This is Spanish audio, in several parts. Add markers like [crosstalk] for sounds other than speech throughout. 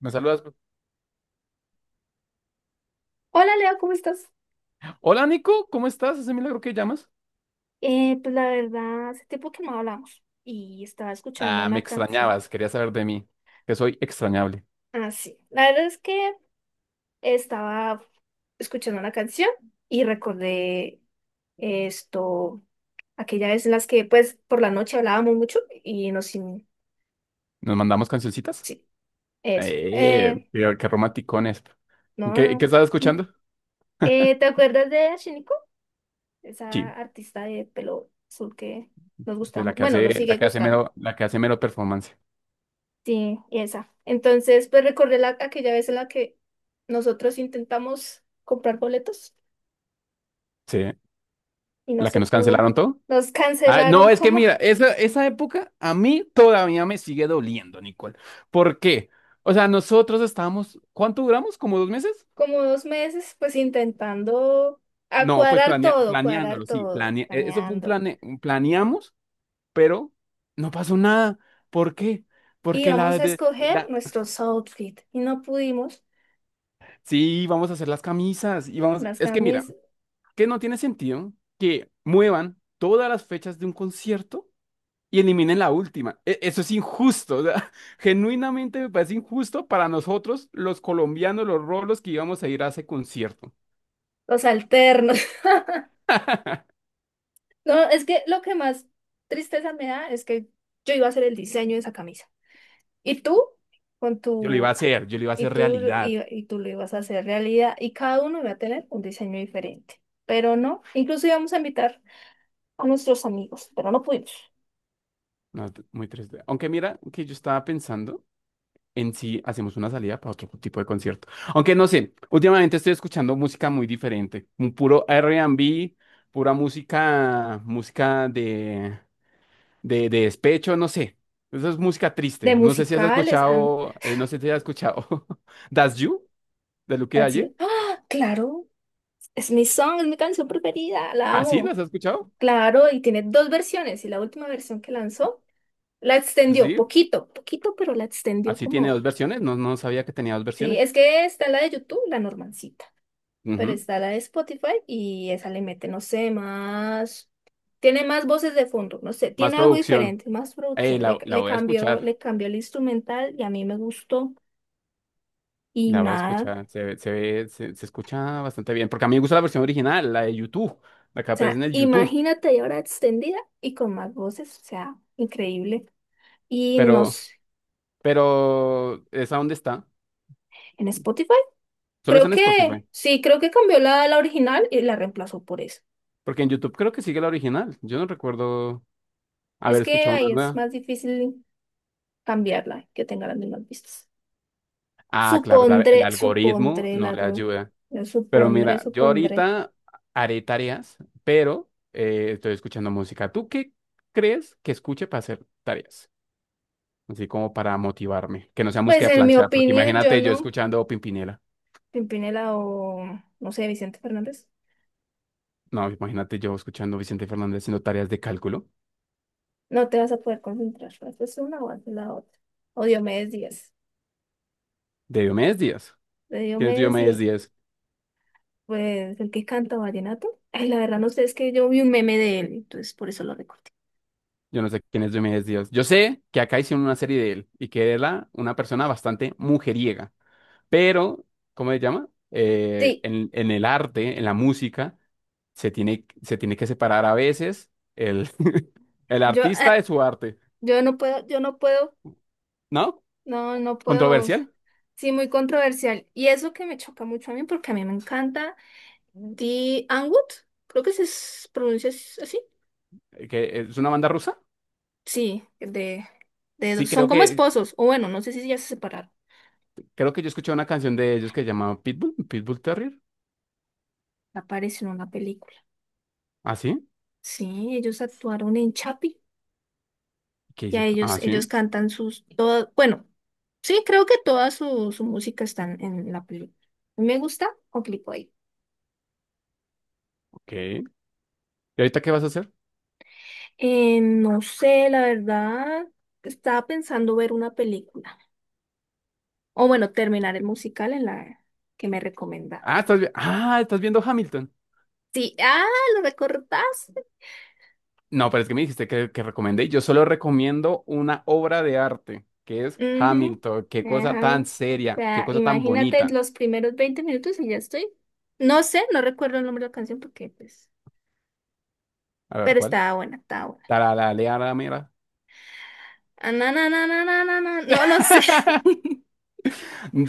Me saludas, pues. Hola Leo, ¿cómo estás? Hola, Nico, ¿cómo estás? Ese milagro que llamas. Pues la verdad, hace tiempo que no hablamos y estaba escuchando Ah, me una canción. extrañabas, quería saber de mí, que soy extrañable. Ah, sí. La verdad es que estaba escuchando una canción y recordé esto, aquella vez en las que pues por la noche hablábamos mucho y nos... ¿Nos mandamos cancioncitas? Sí, eso. Eh, qué, qué romanticones. No, ¿Qué, no. qué estás escuchando? ¿te acuerdas de Shiniko? Esa Sí, artista de pelo azul que nos de gustaba. Bueno, nos sigue gustando. La que hace mero performance. Sí, esa. Entonces, pues recordé aquella vez en la que nosotros intentamos comprar boletos Sí, y no la que se nos pudo. cancelaron todo. Nos Ah, no, cancelaron es que como, mira, [laughs] esa época a mí todavía me sigue doliendo, Nicole. ¿Por qué? O sea, nosotros estábamos, ¿cuánto duramos? ¿Como dos meses? como dos meses, pues intentando a No, pues cuadrar planeándolo, sí, todo, eso fue planeando. Un planeamos, pero no pasó nada. ¿Por qué? Y Porque íbamos la a de escoger la- nuestros outfits y no pudimos. sí, vamos a hacer las camisas y vamos, Las es que mira, camis, que no tiene sentido que muevan todas las fechas de un concierto y eliminen la última. Eso es injusto, o sea, [laughs] genuinamente me parece injusto para nosotros los colombianos, los rolos que íbamos a ir a ese concierto. los alternos. [laughs] [laughs] No, es que lo que más tristeza me da es que yo iba a hacer el diseño de esa camisa. ¿Y tú? Con Yo lo iba a tu... hacer, yo lo iba a y hacer tú, realidad. y, y tú lo ibas a hacer realidad y cada uno iba a tener un diseño diferente. Pero no, incluso íbamos a invitar a nuestros amigos, pero no pudimos. No, muy triste. Aunque mira que yo estaba pensando en si hacemos una salida para otro tipo de concierto. Aunque no sé, últimamente estoy escuchando música muy diferente. Un puro R&B pura música, música de despecho, no sé. Eso es música triste. De No sé si has musicales, han escuchado, [laughs] Das You de Luke así, Dalle. ah, claro, es mi song, es mi canción preferida, la ¿Así las amo. has escuchado? Claro, y tiene dos versiones y la última versión que lanzó la extendió Así, poquito, poquito, pero la extendió así tiene como, dos versiones. No, no sabía que tenía dos sí, versiones. es que está la de YouTube, la Normancita. Pero Ujú. está la de Spotify y esa le mete, no sé, más. Tiene más voces de fondo, no sé, Más tiene algo producción. diferente, más Eh, producción. La, la voy a escuchar. Le cambió el instrumental y a mí me gustó. Y La voy a nada, escuchar, o se escucha bastante bien, porque a mí me gusta la versión original, la de YouTube, la que aparece sea, en el YouTube, imagínate ahí ahora extendida y con más voces, o sea, increíble. Y no pero, sé, pero, ¿esa dónde está? en Spotify, Solo creo está en Spotify, que sí, creo que cambió la original y la reemplazó por esa. porque en YouTube creo que sigue la original, yo no recuerdo Es haber que escuchado una ahí es nueva. más difícil cambiarla, que tenga las mismas vistas. Ah, claro, el Supondré, algoritmo supondré no la le duda. ayuda, Yo pero supondré, mira, yo supondré. ahorita haré tareas, pero estoy escuchando música. ¿Tú qué crees que escuche para hacer tareas? Así como para motivarme, que no sea música Pues de en mi planchar, porque opinión, yo imagínate yo no. escuchando Pimpinela, Pimpinela o, no sé, Vicente Fernández. no, imagínate yo escuchando Vicente Fernández haciendo tareas de cálculo No te vas a poder concentrar. Es una o haces la otra. O Diomedes Díaz. de Diomedes Díaz. De ¿Quién es Diomedes Diomedes Díaz. Díaz? Pues el que canta vallenato. Ay, la verdad no sé, es que yo vi un meme de él, entonces por eso lo recordé. Yo no sé quién es Diomedes Díaz. Yo sé que acá hicieron una serie de él y que era una persona bastante mujeriega, pero, ¿cómo se llama? Eh, Sí, en, en el arte, en la música, se tiene que separar a veces el, [laughs] el yo, artista ah, de su arte, yo no puedo, ¿no? no, no puedo. O sea, Controversial, sí, muy controversial. Y eso que me choca mucho a mí, porque a mí me encanta. The Anwood, creo que pronuncia así. Que es una banda rusa. Sí, de, Sí, son creo como que esposos, o bueno, no sé si ya se separaron. Creo que yo escuché una canción de ellos que se llamaba Pitbull, Pitbull Terrier. Apareció en una película. ¿Ah, sí? Sí, ellos actuaron en Chapi ¿Qué y a hice? ellos, Ah, ellos sí, cantan sus, todas, bueno, sí, creo que toda su música está en la película. Me gusta o clico ahí. ok. ¿Y ahorita qué vas a hacer? No sé, la verdad, estaba pensando ver una película. O bueno, terminar el musical en la que me recomendaron. Ah, estás viendo Hamilton. Sí, ah, lo recordás. No, pero es que me dijiste que, recomendé. Yo solo recomiendo una obra de arte, que es Ujú, Hamilton. Qué cosa ajá. tan O seria, qué sea, cosa tan imagínate bonita. los primeros 20 minutos y ya estoy. No sé, no recuerdo el nombre de la canción porque, pues, A ver, pero ¿cuál? estaba buena, estaba buena. Taralaleara, mira. Ah, na, na, na, na, na, na, na. No, no sé. [laughs] [laughs]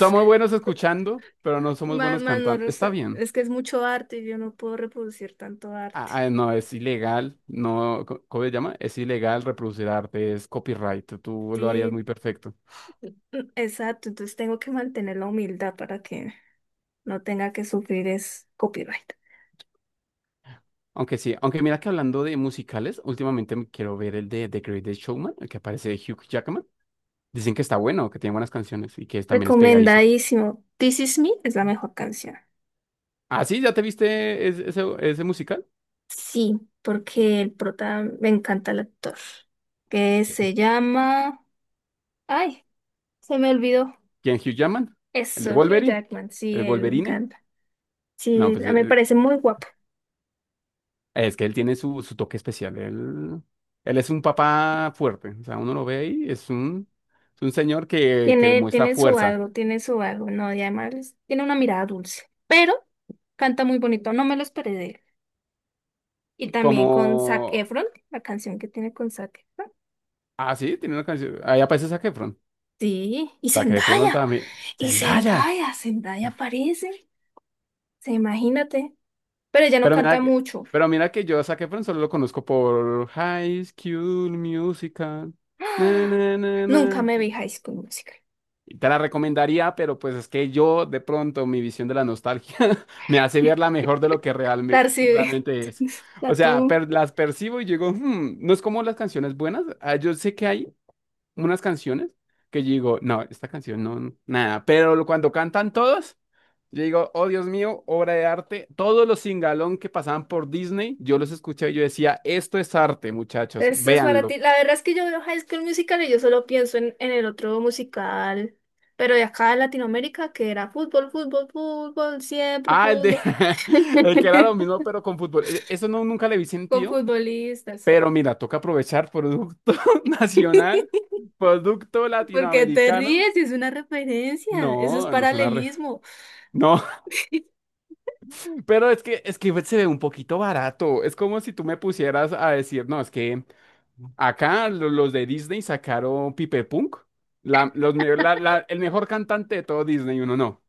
Somos buenos escuchando, pero no somos Más, buenos más no, cantando. lo Está sé. bien. Es que es mucho arte y yo no puedo reproducir tanto arte. Ah, ah, no, es ilegal, no, ¿cómo se llama? Es ilegal reproducir arte, es copyright, tú lo harías Sí, muy perfecto. Exacto. Entonces tengo que mantener la humildad para que no tenga que sufrir es copyright. Aunque sí, aunque mira que hablando de musicales, últimamente me quiero ver el de The Greatest Showman, el que aparece de Hugh Jackman. Dicen que está bueno, que tiene buenas canciones y que también es pegadizo. Recomendadísimo. This Is Me es la mejor canción. Ah, sí, ¿ya te viste ese musical? Sí, porque el prota me encanta el actor, que se llama... Ay, se me olvidó. ¿Quién Hugh Jackman? ¿El de Eso, Hugh Wolverine? Jackman, sí, ¿El él me Wolverine? encanta. No, Sí, pues a mí me parece muy guapo. es que él tiene su toque especial. Él es un papá fuerte. O sea, uno lo ve y es un señor que Tiene, demuestra fuerza. Tiene su algo, no, y además tiene una mirada dulce, pero canta muy bonito, no me lo esperé de él. Y Como. también con Zac Efron, la canción que tiene con Zac Efron. Ah, sí, tiene una canción. Ahí aparece Zac Efron. Sí, Zac Efron también. y ¡Zendaya! Zendaya, Zendaya aparece, se imagínate, pero ella no Pero mira, canta que- mucho. pero mira que yo a Zac Efron solo lo conozco por High School Musical. Na, [gasps] na, na, Nunca na. me vi High School Musical. Te la recomendaría, pero pues es que yo de pronto mi visión de la nostalgia [laughs] me hace verla mejor de lo que realme- Tarsi, realmente es. [laughs] La O sea, tú. Las percibo y digo, "Hmm", no es como las canciones buenas. Ah, yo sé que hay unas canciones que yo digo, no, esta canción no, no, nada, pero cuando cantan todos, yo digo, oh Dios mío, obra de arte. Todos los singalón que pasaban por Disney, yo los escuché y yo decía, esto es arte, muchachos, Esto es para véanlo. ti. La verdad es que yo veo High School Musical y yo solo pienso en el otro musical, pero de acá de Latinoamérica, que era fútbol, fútbol, fútbol, siempre Ah, el de fútbol. [laughs] [laughs] el que era lo mismo, pero con fútbol. Eso no, nunca le vi Con sentido. futbolistas. Pero mira, toca aprovechar producto [laughs] [laughs] nacional, producto ¿Por qué te latinoamericano. ríes? Es una referencia. Eso es No, no es una re... paralelismo. No, [laughs] [laughs] pero es que se ve un poquito barato. Es como si tú me pusieras a decir, no, es que acá los de Disney sacaron Pipe Punk, la, los, me- la- la- el mejor cantante de todo Disney, y uno no.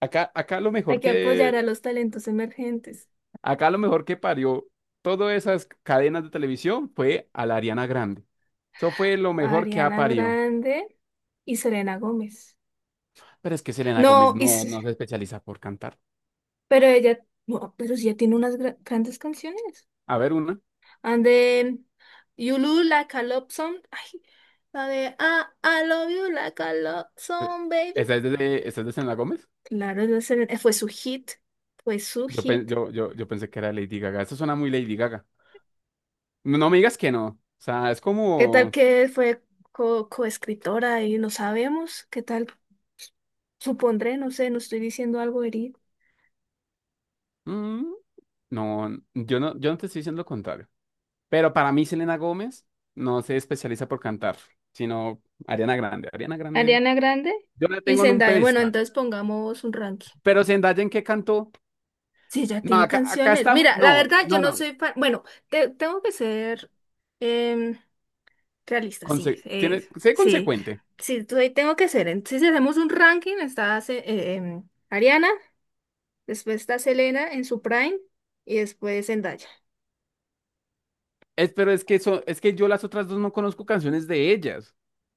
Acá, acá lo Hay mejor que apoyar que, a los talentos emergentes. acá lo mejor que parió todas esas cadenas de televisión fue a la Ariana Grande. Eso fue lo mejor que ha Ariana parido. Grande y Selena Gómez. Pero es que Selena Gómez No, y no, S- no se especializa por cantar. Pero ella, no, pero sí, ella tiene unas grandes canciones. A ver, una. And de Yulu Like a Love Song. Ay, la de ah, I Love You Like a Love Song, baby. ¿Esa es de Selena Gómez? Claro, fue su hit. Fue su Yo, pen- hit. yo, yo, yo pensé que era Lady Gaga. Eso suena muy Lady Gaga. No, no me digas que no. O sea, es ¿Qué tal como... que fue coescritora y no sabemos? ¿Qué tal? Supondré, no sé, no estoy diciendo algo herido. mm, no, no, yo no te estoy diciendo lo contrario. Pero para mí Selena Gómez no se especializa por cantar, sino Ariana Grande. Ariana Grande. Ariana Grande Yo la y tengo en un Zendaya. Bueno, pedestal. entonces pongamos un ranking. Pero Zendaya, ¿en qué cantó? Sí, ya No, tiene acá canciones. estamos... Mira, la No, verdad, yo no, no no. soy fan. Bueno, tengo que ser em, realista, sí. Conse- tiene, sé Sí, consecuente. sí, tengo que ser. Entonces, si hacemos un ranking, está Ariana, después está Selena en su prime y después Zendaya. Es, pero es que eso, es que yo las otras dos no conozco canciones de ellas.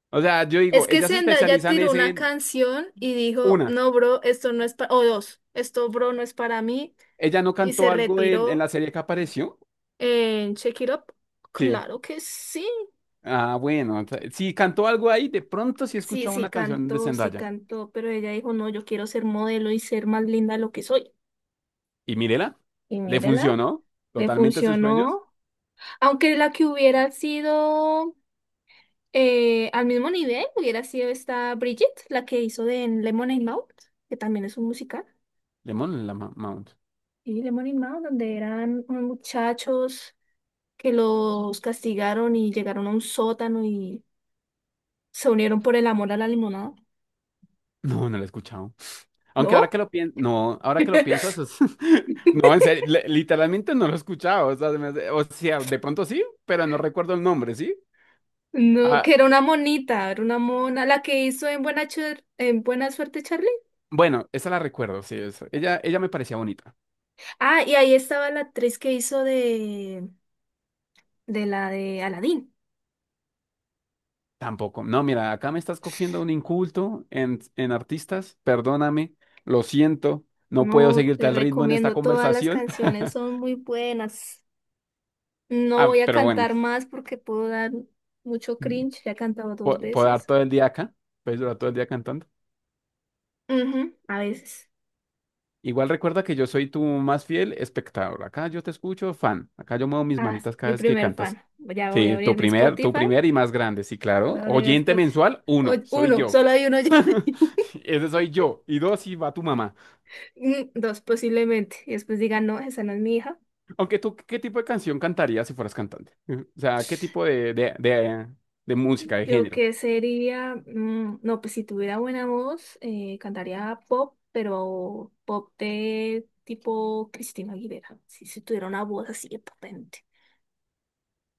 O sea, yo Es digo, que ellas se Zendaya especializan tiró es una en canción y dijo, una. no, bro, esto no es para... O dos, esto, bro, no es para mí. ¿Ella no Y se cantó algo en la retiró serie que apareció? en Shake It Up. Sí. Claro que sí. Ah, bueno. Si cantó algo ahí, de pronto sí Sí, escucha una canción de sí Zendaya. cantó, pero ella dijo, no, yo quiero ser modelo y ser más linda de lo que soy. Y mírela, Y le mírela, funcionó le totalmente a sus sueños. funcionó. Aunque la que hubiera sido al mismo nivel, hubiera sido esta Bridget, la que hizo de en Lemonade Mouth, que también es un musical. Lemon la Mount. Y Lemonade Mouth, donde eran unos muchachos que los castigaron y llegaron a un sótano y se unieron por el amor a la limonada. No, no la he escuchado. Aunque ahora que ¿No? lo piensas, no, ahora que lo piensas, [laughs] no, en serio, literalmente no lo he escuchado. O sea, de pronto sí, pero no recuerdo el nombre, ¿sí? No, Ah, que era una monita, era una mona, la que hizo en Buena, en Buena Suerte, Charlie. bueno, esa la recuerdo, sí. Ella me parecía bonita. Ah, y ahí estaba la actriz que hizo de la de Aladdin. Tampoco. No, mira, acá me estás cogiendo un inculto en artistas. Perdóname, lo siento. No puedo No, seguirte te al ritmo en esta recomiendo, todas las conversación. [laughs] canciones son muy buenas. No Ah, voy a pero bueno, cantar más porque puedo dar mucho cringe, ya he cantado dos puedo dar veces. todo el día acá. Puedes durar todo el día cantando. Ujú, a veces. Igual recuerda que yo soy tu más fiel espectador. Acá yo te escucho, fan. Acá yo muevo mis Ah, sí, manitas cada mi vez que primer cantas. fan. Ya voy a Sí, abrir tu mi primer, tu Spotify. primer y más grande, sí, Voy claro. a abrir mi Oyente Spotify. mensual, O- uno, soy Uno, yo. solo hay uno. [laughs] [laughs] Ese soy yo. Y dos, y va tu mamá. Dos posiblemente. Y después digan, no, esa no es mi hija. Aunque tú, ¿qué tipo de canción cantarías si fueras cantante? O sea, ¿qué tipo de música, de Yo género? qué sería, mm, no, pues si tuviera buena voz, cantaría pop, pero pop de tipo Cristina Aguilera. Si tuviera una voz así de potente.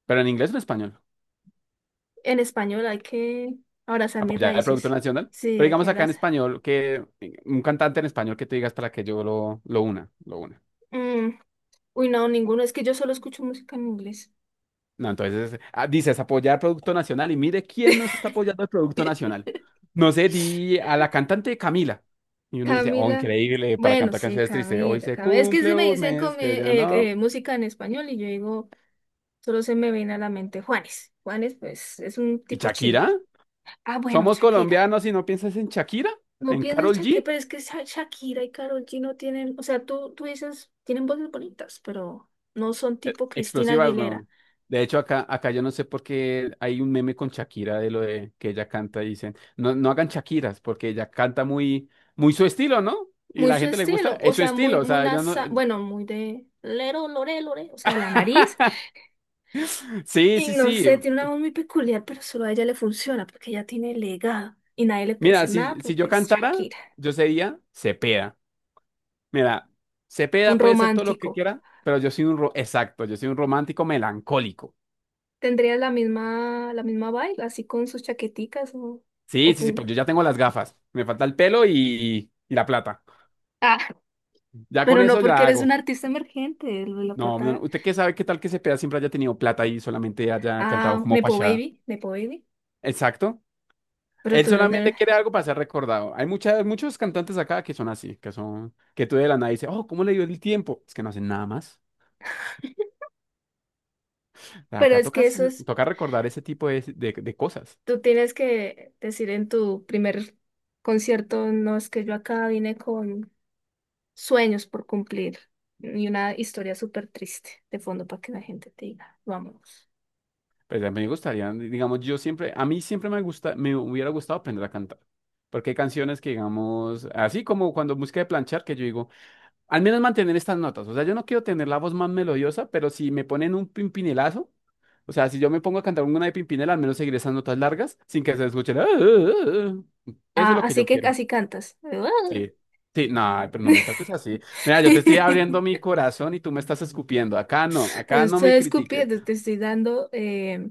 Pero en inglés o en español. En español hay que abrazar mis Apoyar el producto raíces. nacional. Sí, Pero hay que digamos acá en abrazar. español, que un cantante en español que te digas para que yo lo una. Mm, uy, no, ninguno. Es que yo solo escucho música en inglés. No, entonces dices apoyar producto nacional y mire quién no está apoyando el producto nacional. No sé, di a la cantante Camila. Y uno dice, oh, Camila. increíble, para Bueno, cantar sí, canciones tristes. Hoy Camila, se Camila. Es que si cumple me un dicen mes que ya no. Música en español y yo digo... Solo se me viene a la mente Juanes. Juanes, pues, es un ¿Y tipo chill. Shakira? Ah, bueno, ¿Somos Shakira. colombianos y no piensas en Shakira? No ¿En pienso en Karol Shakira, G? pero es que Shakira y Karol G no tienen, o sea, tú dices, tienen voces bonitas, pero no son tipo Cristina Explosivas, Aguilera. no. De hecho, acá yo no sé por qué hay un meme con Shakira de lo de que ella canta y dicen, no, no hagan Shakiras, porque ella canta muy, muy su estilo, ¿no? Y Muy la su gente le gusta, estilo, o es su sea, estilo, muy, o muy sea, yo no. nasa, bueno, muy de lero, lore, lore, o sea, de la nariz. [laughs] Sí, Y sí, no sí. sé, tiene una voz muy peculiar, pero solo a ella le funciona, porque ella tiene legado. Y nadie le puede Mira, decir nada si porque yo es cantara, Shakira. yo sería Cepeda. Mira, Un Cepeda puede ser todo lo romántico. que quiera, pero yo soy un, ro- exacto, yo soy un romántico melancólico. ¿Tendrías la misma vibe, así con sus chaqueticas o Sí, sí, sí, pero pungo? yo ya tengo las gafas. Me falta el pelo y la plata. Ah, [laughs] Ya con pero no eso porque ya eres hago. un artista emergente, lo de la No, no, no, plata. ¿usted qué sabe qué tal que Cepeda siempre haya tenido plata y solamente haya cantado Ah, como Nepo fachada? Baby, Nepo Baby. Exacto. Pero Él tú no solamente eres. quiere algo para ser recordado. Hay muchas, muchos cantantes acá que son así, que tú de la nada dices, oh, ¿cómo le dio el tiempo? Es que no hacen nada más. Pero Acá es que tocas, eso es, toca recordar ese tipo de cosas. tú tienes que decir en tu primer concierto, no es que yo acá vine con sueños por cumplir y una historia súper triste de fondo para que la gente te diga, vámonos. Pues a mí me gustaría, digamos, a mí siempre me gusta, me hubiera gustado aprender a cantar. Porque hay canciones que, digamos, así como cuando música de planchar, que yo digo, al menos mantener estas notas. O sea, yo no quiero tener la voz más melodiosa, pero si me ponen un pimpinelazo, o sea, si yo me pongo a cantar una de Pimpinela, al menos seguir esas notas largas sin que se escuchen. "Ah, ah, ah". Eso es Ah, lo que así yo que quiero. así cantas. Sí. Sí, no, pero no me trates así. Mira, yo te estoy abriendo mi [laughs] corazón y tú me estás escupiendo. Acá no Estoy me critiques. escupiendo, te estoy dando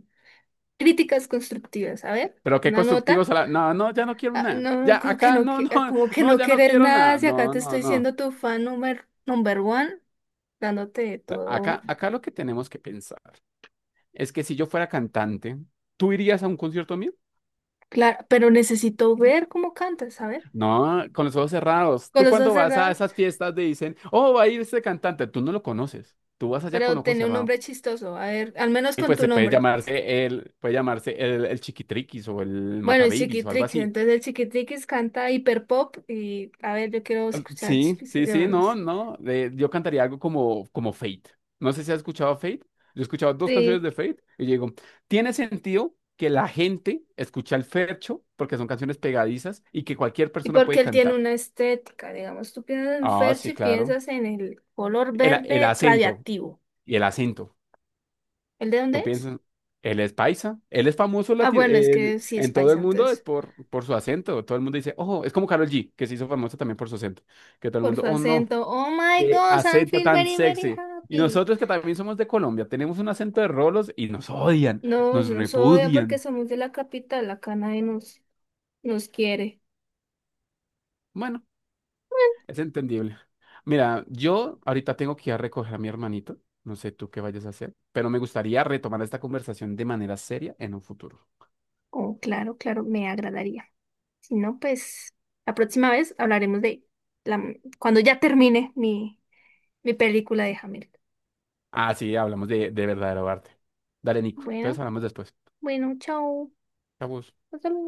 críticas constructivas. A ver, Pero qué una nota. constructivos a la... No, no, ya no quiero Ah, nada. no, Ya, como que acá, no, no, no, como [laughs] que no, no ya no quieres quiero nada, nada. si acá No, te no, estoy no. siendo tu fan number, number one, dándote todo Acá lo que tenemos que pensar es que si yo fuera cantante, ¿tú irías a un concierto mío? claro, pero necesito ver cómo cantas, a ver, No, con los ojos cerrados. con Tú los dos cuando vas a cerrados, esas fiestas te dicen, oh, va a ir este cantante. Tú no lo conoces. Tú vas allá con pero ojos tiene un cerrados. nombre chistoso, a ver, al menos Y con pues tu se puede nombre. llamarse el, puede llamarse el, el Chiquitriquis o el Bueno, el Matababies o algo Chiquitriquis, así. entonces el Chiquitriquis canta hiperpop y a ver, yo quiero escuchar Sí, sí, sí, no, Chiquitriquis, no. Yo cantaría algo como Fate. No sé si has escuchado Fate. Yo he escuchado dos canciones sí. de Fate y yo digo, tiene sentido que la gente escucha el fercho porque son canciones pegadizas y que cualquier Y persona porque puede él tiene cantar. una estética, digamos, tú piensas en Ah, sí, Ferchi, claro. piensas en el color El verde acento radiactivo. y el acento. ¿El de dónde Tú es? piensas, él es paisa, él es famoso Ah, bueno, es que sí es en todo el paisa, mundo es entonces, por, su acento. Todo el mundo dice, oh, es como Karol G, que se hizo famosa también por su acento. Que todo el por mundo, su oh, no. acento. Oh my Qué God, I acento feel tan very, very sexy. Y happy. nosotros que también somos de Colombia, tenemos un acento de rolos y nos odian, No, nos no soy ah, porque repudian. somos de la capital, acá nadie nos, nos quiere. Bueno, es entendible. Mira, yo ahorita tengo que ir a recoger a mi hermanito. No sé tú qué vayas a hacer, pero me gustaría retomar esta conversación de manera seria en un futuro. Oh, claro, claro, me agradaría. Si no, pues la próxima vez hablaremos de la, cuando ya termine mi, mi película de Hamilton. Ah, sí, hablamos de verdadero arte. Dale, Nico. Bueno, Entonces hablamos después. bueno, chao. Chau. Hasta luego.